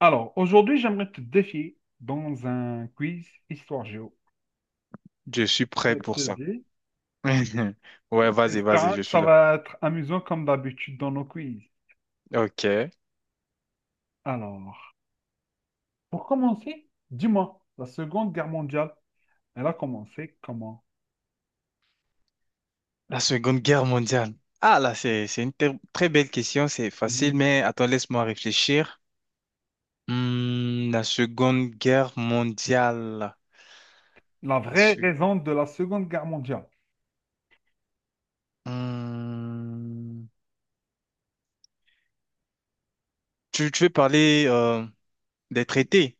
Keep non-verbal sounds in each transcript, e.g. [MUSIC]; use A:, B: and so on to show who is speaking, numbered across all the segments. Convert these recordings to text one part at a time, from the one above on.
A: Alors, aujourd'hui, j'aimerais te défier dans un quiz Histoire Géo.
B: Je suis
A: Ça
B: prêt pour
A: te
B: ça.
A: dit?
B: [LAUGHS] Ouais, vas-y,
A: Espérant
B: vas-y, je
A: que
B: suis
A: ça
B: là.
A: va être amusant comme d'habitude dans nos quiz.
B: Ok.
A: Alors, pour commencer, dis-moi, la Seconde Guerre mondiale, elle a commencé comment?
B: La Seconde Guerre mondiale. Ah, là, c'est une très belle question, c'est facile,
A: Mhm.
B: mais attends, laisse-moi réfléchir. Hmm, la Seconde Guerre mondiale.
A: La
B: La
A: vraie
B: se-
A: raison de la Seconde Guerre mondiale.
B: Hmm. Tu veux parler des traités?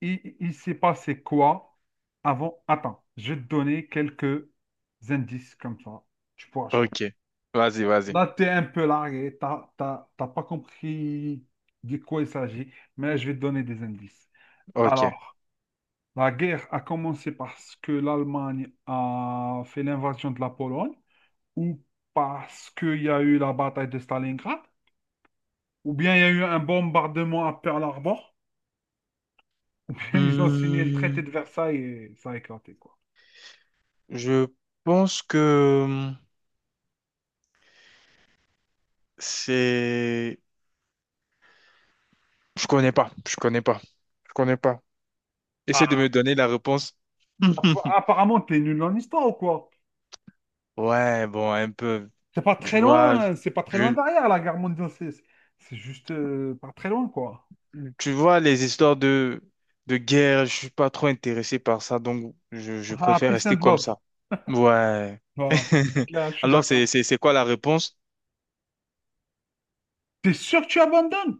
A: Il s'est passé quoi avant? Attends, je vais te donner quelques indices comme ça. Tu pourras choisir.
B: Ok. Vas-y, vas-y.
A: Là, tu es un peu largué, t'as pas compris de quoi il s'agit, mais je vais te donner des indices.
B: Ok.
A: Alors, la guerre a commencé parce que l'Allemagne a fait l'invasion de la Pologne, ou parce qu'il y a eu la bataille de Stalingrad, ou bien il y a eu un bombardement à Pearl Harbor, ou bien ils ont signé le traité
B: Hmm,
A: de Versailles et ça a éclaté, quoi.
B: je pense que c'est... Je connais pas, je connais pas, je connais pas. Essaie de me donner la réponse. [LAUGHS]
A: Apparemment, t'es nul en histoire ou quoi?
B: Ouais, bon, un peu.
A: C'est pas
B: Tu
A: très
B: vois,
A: loin, c'est pas très loin
B: je,
A: derrière la guerre mondiale, juste pas très loin quoi.
B: tu vois, les histoires de guerre, je suis pas trop intéressé par ça, donc je
A: Ah,
B: préfère
A: peace
B: rester
A: and
B: comme
A: love,
B: ça. Ouais.
A: voilà. Donc
B: [LAUGHS]
A: là, je suis
B: Alors, c'est,
A: d'accord.
B: c'est, c'est quoi la réponse?
A: T'es sûr que tu abandonnes?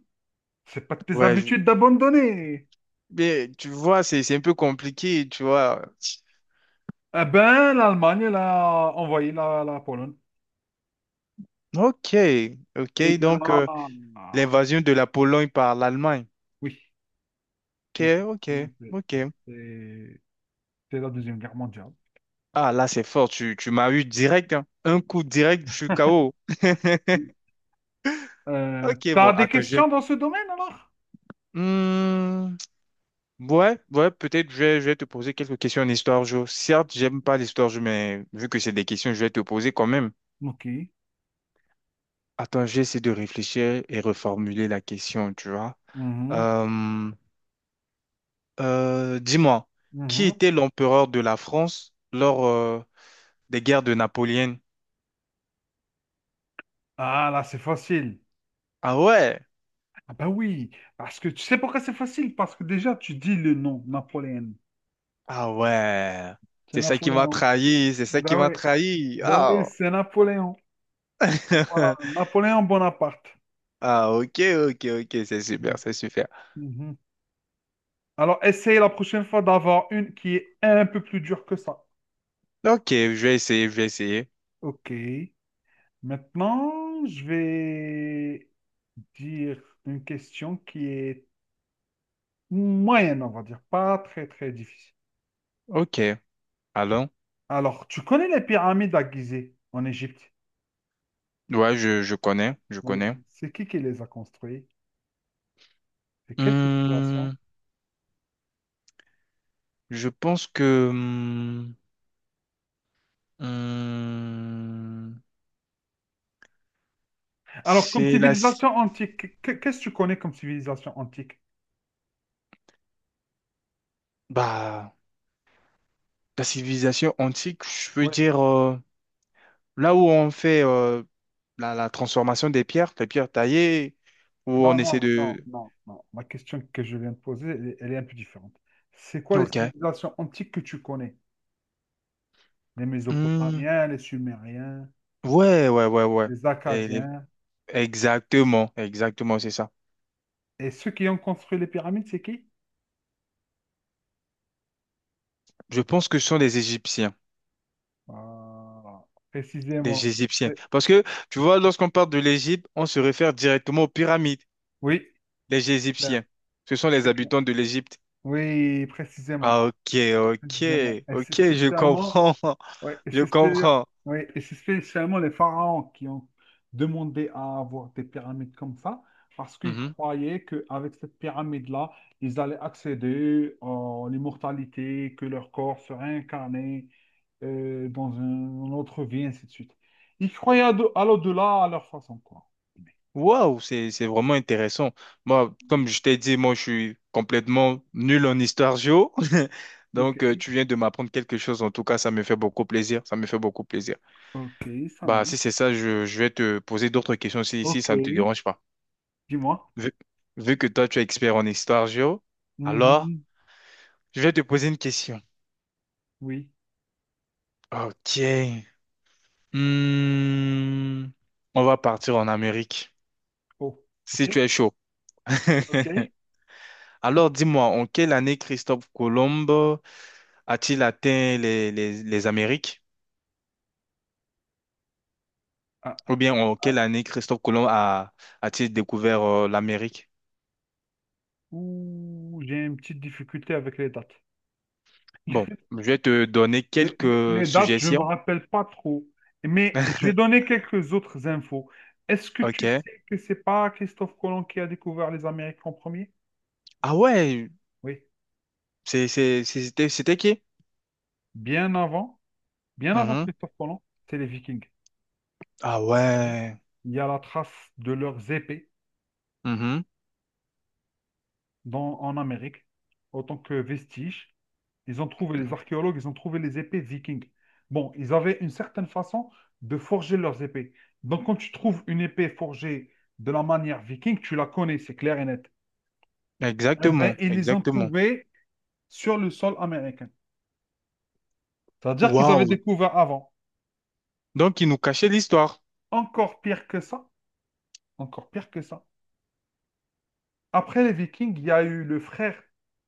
A: C'est pas de tes
B: Ouais, je-
A: habitudes d'abandonner.
B: mais tu vois, c'est un peu compliqué, tu vois.
A: Eh ben, l'Allemagne, elle a envoyé la Pologne.
B: Ok, ok,
A: Et de
B: donc
A: là, ah,
B: l'invasion de la Pologne par l'Allemagne.
A: oui,
B: Ok,
A: et
B: ok, ok.
A: c'est c'est la Deuxième Guerre mondiale.
B: Ah, là, c'est fort. Tu m'as eu direct, hein. Un coup direct, je suis KO. [LAUGHS] Ok,
A: T'as
B: bon,
A: des
B: attends, je...
A: questions dans ce domaine alors?
B: Hmm, ouais, ouais, peut-être je vais te poser quelques questions en histoire géo. Certes, j'aime pas l'histoire géo, mais vu que c'est des questions, je vais te poser quand même.
A: Ok.
B: Attends, j'essaie de réfléchir et reformuler la question, tu vois.
A: Mhm,
B: Euh, dis-moi, qui
A: mhm.
B: était l'empereur de la France lors des guerres de Napoléon?
A: Ah là, c'est facile.
B: Ah ouais!
A: Ah bah oui, parce que tu sais pourquoi c'est facile? Parce que déjà, tu dis le nom, Napoléon.
B: Ah ouais,
A: C'est
B: c'est ça qui m'a
A: Napoléon.
B: trahi, c'est ça qui
A: Bah oui,
B: m'a trahi.
A: bah
B: Ah.
A: oui, c'est Napoléon. Donc voilà,
B: [LAUGHS]
A: Napoléon Bonaparte.
B: Ah ok, ok, ok, c'est super, c'est super.
A: Mhm. Alors, essaye la prochaine fois d'avoir une qui est un peu plus dure que ça.
B: Ok, je vais essayer, je vais essayer.
A: Ok. Maintenant, je vais dire une question qui est moyenne, on va dire, pas très très difficile.
B: Ok, allons.
A: Alors, tu connais les pyramides à Gizeh en Égypte?
B: Ouais, je connais, je
A: Oui,
B: connais.
A: c'est qui les a construits? C'est quelle civilisation?
B: Hmm, je pense que hmm, hmm,
A: Alors, comme
B: c'est la, ci-
A: civilisation antique, qu'est-ce que tu connais comme civilisation antique?
B: Bah, la civilisation antique, je veux
A: Oui,
B: dire, là où on fait la, la transformation des pierres, les pierres taillées, où on
A: non,
B: essaie
A: non, non,
B: de...
A: non, non. Ma question que je viens de poser, elle est un peu différente. C'est quoi les
B: Ok.
A: civilisations antiques que tu connais? Les
B: Hmm.
A: Mésopotamiens, les Sumériens,
B: Ouais, ouais, ouais, ouais.
A: les
B: Et les-
A: Akkadiens.
B: Exactement, exactement, c'est ça.
A: Et ceux qui ont construit les pyramides, c'est qui?
B: Je pense que ce sont des Égyptiens,
A: Voilà,
B: des
A: précisément.
B: Égyptiens.
A: C'est-
B: Parce que, tu vois, lorsqu'on parle de l'Égypte, on se réfère directement aux pyramides,
A: Oui,
B: les
A: c'est clair,
B: Égyptiens. Ce sont les
A: c'est clair.
B: habitants de l'Égypte.
A: Oui, précisément,
B: Ah, ok, ok,
A: précisément. Et c'est
B: ok, je
A: spécialement
B: comprends. [LAUGHS]
A: Ouais, et
B: Je
A: c'est spé-
B: comprends.
A: ouais, et c'est spécialement les pharaons qui ont demandé à avoir des pyramides comme ça, parce qu'ils
B: Mhm.
A: croyaient qu'avec cette pyramide-là, ils allaient accéder à l'immortalité, que leur corps serait incarné dans une autre vie, ainsi de suite. Ils croyaient à l'au-delà à leur façon, quoi.
B: Waouh, c'est vraiment intéressant. Moi, comme je t'ai dit, moi je suis complètement nul en histoire géo. [LAUGHS]
A: Ok,
B: Donc tu viens de m'apprendre quelque chose. En tout cas, ça me fait beaucoup plaisir. Ça me fait beaucoup plaisir.
A: ok, ça va.
B: Bah si c'est ça, je vais te poser d'autres questions si
A: Ok,
B: ça ne te dérange pas.
A: dis-moi.
B: Vu, Vu que toi tu es expert en histoire géo, alors
A: Mhm,
B: je vais te poser une question.
A: oui.
B: Ok. Hmm. On va partir en Amérique.
A: Oh, ok,
B: Si tu es chaud. [LAUGHS]
A: ok.
B: Alors dis-moi, en quelle année Christophe Colomb a-t-il atteint les Amériques?
A: Ah,
B: Ou bien en
A: ah.
B: quelle année Christophe Colomb a-t-il découvert l'Amérique?
A: Ouh, j'ai une petite difficulté avec les dates.
B: Bon, je vais te donner
A: Les,
B: quelques
A: les- dates, je ne me
B: suggestions.
A: rappelle pas trop. Mais je vais
B: [LAUGHS]
A: donner quelques autres infos. Est-ce que tu
B: Ok.
A: sais que c'est pas Christophe Colomb qui a découvert les Amériques en premier?
B: Ah ouais,
A: Oui.
B: c'était qui?
A: Bien avant, bien avant
B: Mhm.
A: Christophe Colomb, c'est les Vikings.
B: Ah ouais.
A: Il y a la trace de leurs épées
B: Mhm.
A: en Amérique, autant que vestige. Ils ont trouvé les archéologues, ils ont trouvé les épées vikings. Bon, ils avaient une certaine façon de forger leurs épées. Donc, quand tu trouves une épée forgée de la manière viking, tu la connais, c'est clair et net. Eh bien,
B: Exactement,
A: ils les ont
B: exactement.
A: trouvées sur le sol américain. C'est-à-dire qu'ils avaient
B: Waouh.
A: découvert avant.
B: Donc, il nous cachait l'histoire.
A: Encore pire que ça, encore pire que ça. Après les Vikings, il y a eu le frère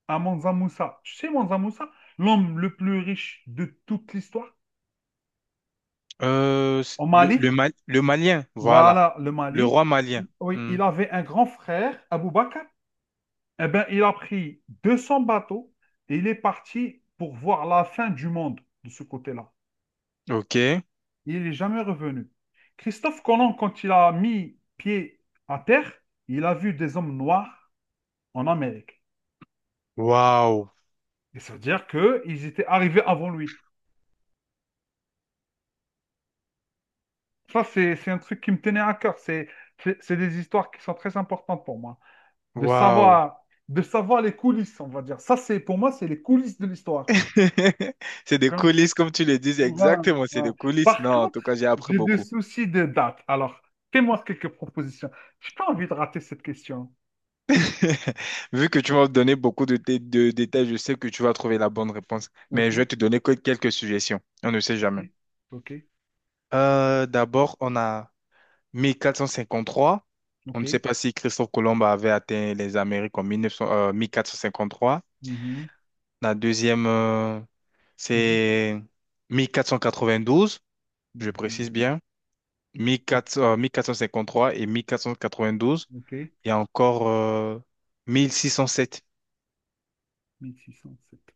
A: à Mansa Moussa. Tu sais, Mansa Moussa, l'homme le plus riche de toute l'histoire,
B: Euh,
A: au Mali,
B: Le Malien, voilà.
A: voilà, le
B: Le
A: Mali.
B: roi malien.
A: Oui,
B: Hmm.
A: il avait un grand frère, Abou Bakr. Eh bien, il a pris 200 bateaux et il est parti pour voir la fin du monde de ce côté-là.
B: Ok.
A: Il n'est jamais revenu. Christophe Colomb, quand il a mis pied à terre, il a vu des hommes noirs en Amérique.
B: Waouh.
A: Et ça veut dire qu'ils étaient arrivés avant lui. Ça, c'est un truc qui me tenait à cœur. C'est des histoires qui sont très importantes pour moi. de
B: Waouh.
A: savoir, de savoir les coulisses, on va dire. Ça, c'est pour moi, c'est les coulisses de l'histoire.
B: [LAUGHS] C'est des
A: Hein.
B: coulisses, comme tu le dis,
A: Voilà,
B: exactement, c'est des
A: voilà.
B: coulisses.
A: Par
B: Non, en
A: contre,
B: tout cas, j'ai appris
A: j'ai des
B: beaucoup.
A: soucis de date. Alors, fais-moi quelques propositions. J'ai pas envie de rater cette question.
B: [LAUGHS] Vu que tu m'as donné beaucoup de, de détails, je sais que tu vas trouver la bonne réponse, mais
A: Ok,
B: je vais te donner que quelques suggestions. On ne sait jamais.
A: ok, ok,
B: D'abord, on a 1453. On
A: ok.
B: ne sait pas si Christophe Colomb avait atteint les Amériques en 1900, 1453.
A: Mhm,
B: La deuxième,
A: mhm,
B: c'est 1492, je
A: mhm.
B: précise bien.
A: Ok,
B: 1400, 1453 et 1492,
A: ok.
B: et encore 1607.
A: 1607.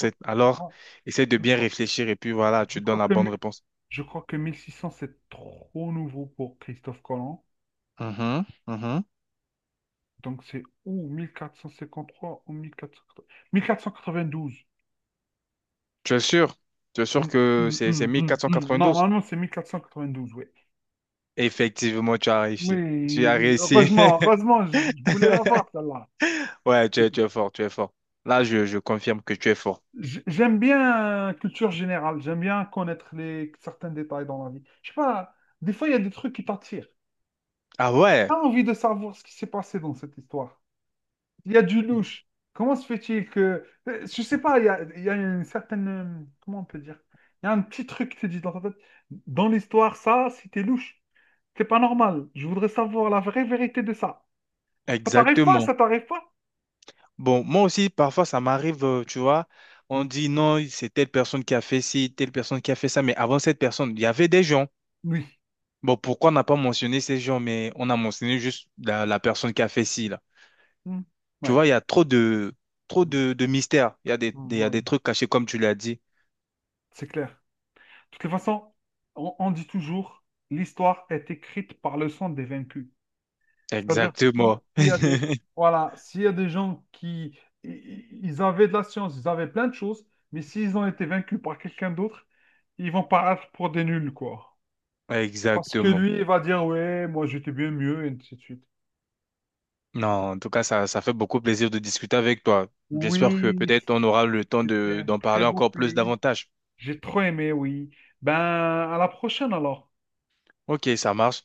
A: Oh,
B: Alors,
A: oh,
B: essaie de
A: Je
B: bien
A: crois,
B: réfléchir et puis voilà,
A: je
B: tu donnes
A: crois
B: la
A: que, mi-
B: bonne réponse.
A: je crois que 1600, c'est trop nouveau pour Christophe Colomb.
B: Mhm, mhm.
A: Donc c'est ou 1453 ou 1480 1492.
B: Tu es sûr? Tu es sûr
A: Mm,
B: que
A: mm,
B: c'est
A: mm, mm, mm.
B: 1492?
A: Normalement, c'est 1492 oui.
B: Effectivement, tu as réussi. Tu
A: Oui,
B: as
A: oui.
B: réussi.
A: Heureusement, heureusement, je voulais
B: [LAUGHS]
A: l'avoir, celle-là.
B: Ouais, tu es fort, tu es fort. Là, je confirme que tu es fort.
A: J'aime bien culture générale, j'aime bien connaître certains détails dans la vie. Je sais pas, des fois, il y a des trucs qui t'attirent.
B: Ah
A: T'as
B: ouais,
A: envie de savoir ce qui s'est passé dans cette histoire. Il y a du louche. Comment se fait-il que? Je sais pas, il y a une certaine, comment on peut dire? Il y a un petit truc qui te dit dans ta tête, dans l'histoire, ça, si t'es louche, c'est pas normal. Je voudrais savoir la vraie vérité de ça. Ça t'arrive pas,
B: exactement.
A: ça t'arrive pas?
B: Bon, moi aussi, parfois, ça m'arrive, tu vois,
A: Mm.
B: on dit non, c'est telle personne qui a fait ci, telle personne qui a fait ça, mais avant cette personne, il y avait des gens.
A: Oui.
B: Bon, pourquoi on n'a pas mentionné ces gens, mais on a mentionné juste la personne qui a fait ci, là.
A: Mm.
B: Tu
A: Ouais.
B: vois, il y a trop
A: Oui.
B: de mystères. Il y a il y a
A: Voilà.
B: des trucs cachés, comme tu l'as dit.
A: C'est clair. De toute façon, on dit toujours, l'histoire est écrite par le sang des vaincus. C'est-à-dire, si-
B: Exactement.
A: s'il y a des,
B: [LAUGHS]
A: voilà, s'il y a des gens qui, ils avaient de la science, ils avaient plein de choses, mais s'ils ont été vaincus par quelqu'un d'autre, ils vont paraître pour des nuls, quoi. Parce que
B: Exactement.
A: lui, il va dire, ouais, moi j'étais bien mieux, et ainsi de suite.
B: Non, en tout cas, ça fait beaucoup plaisir de discuter avec toi. J'espère que
A: Oui,
B: peut-être on aura le temps
A: c'était
B: de,
A: un
B: d'en parler
A: très beau
B: encore plus
A: quiz.
B: davantage.
A: J'ai trop aimé, oui. Ben, à la prochaine alors.
B: Ok, ça marche.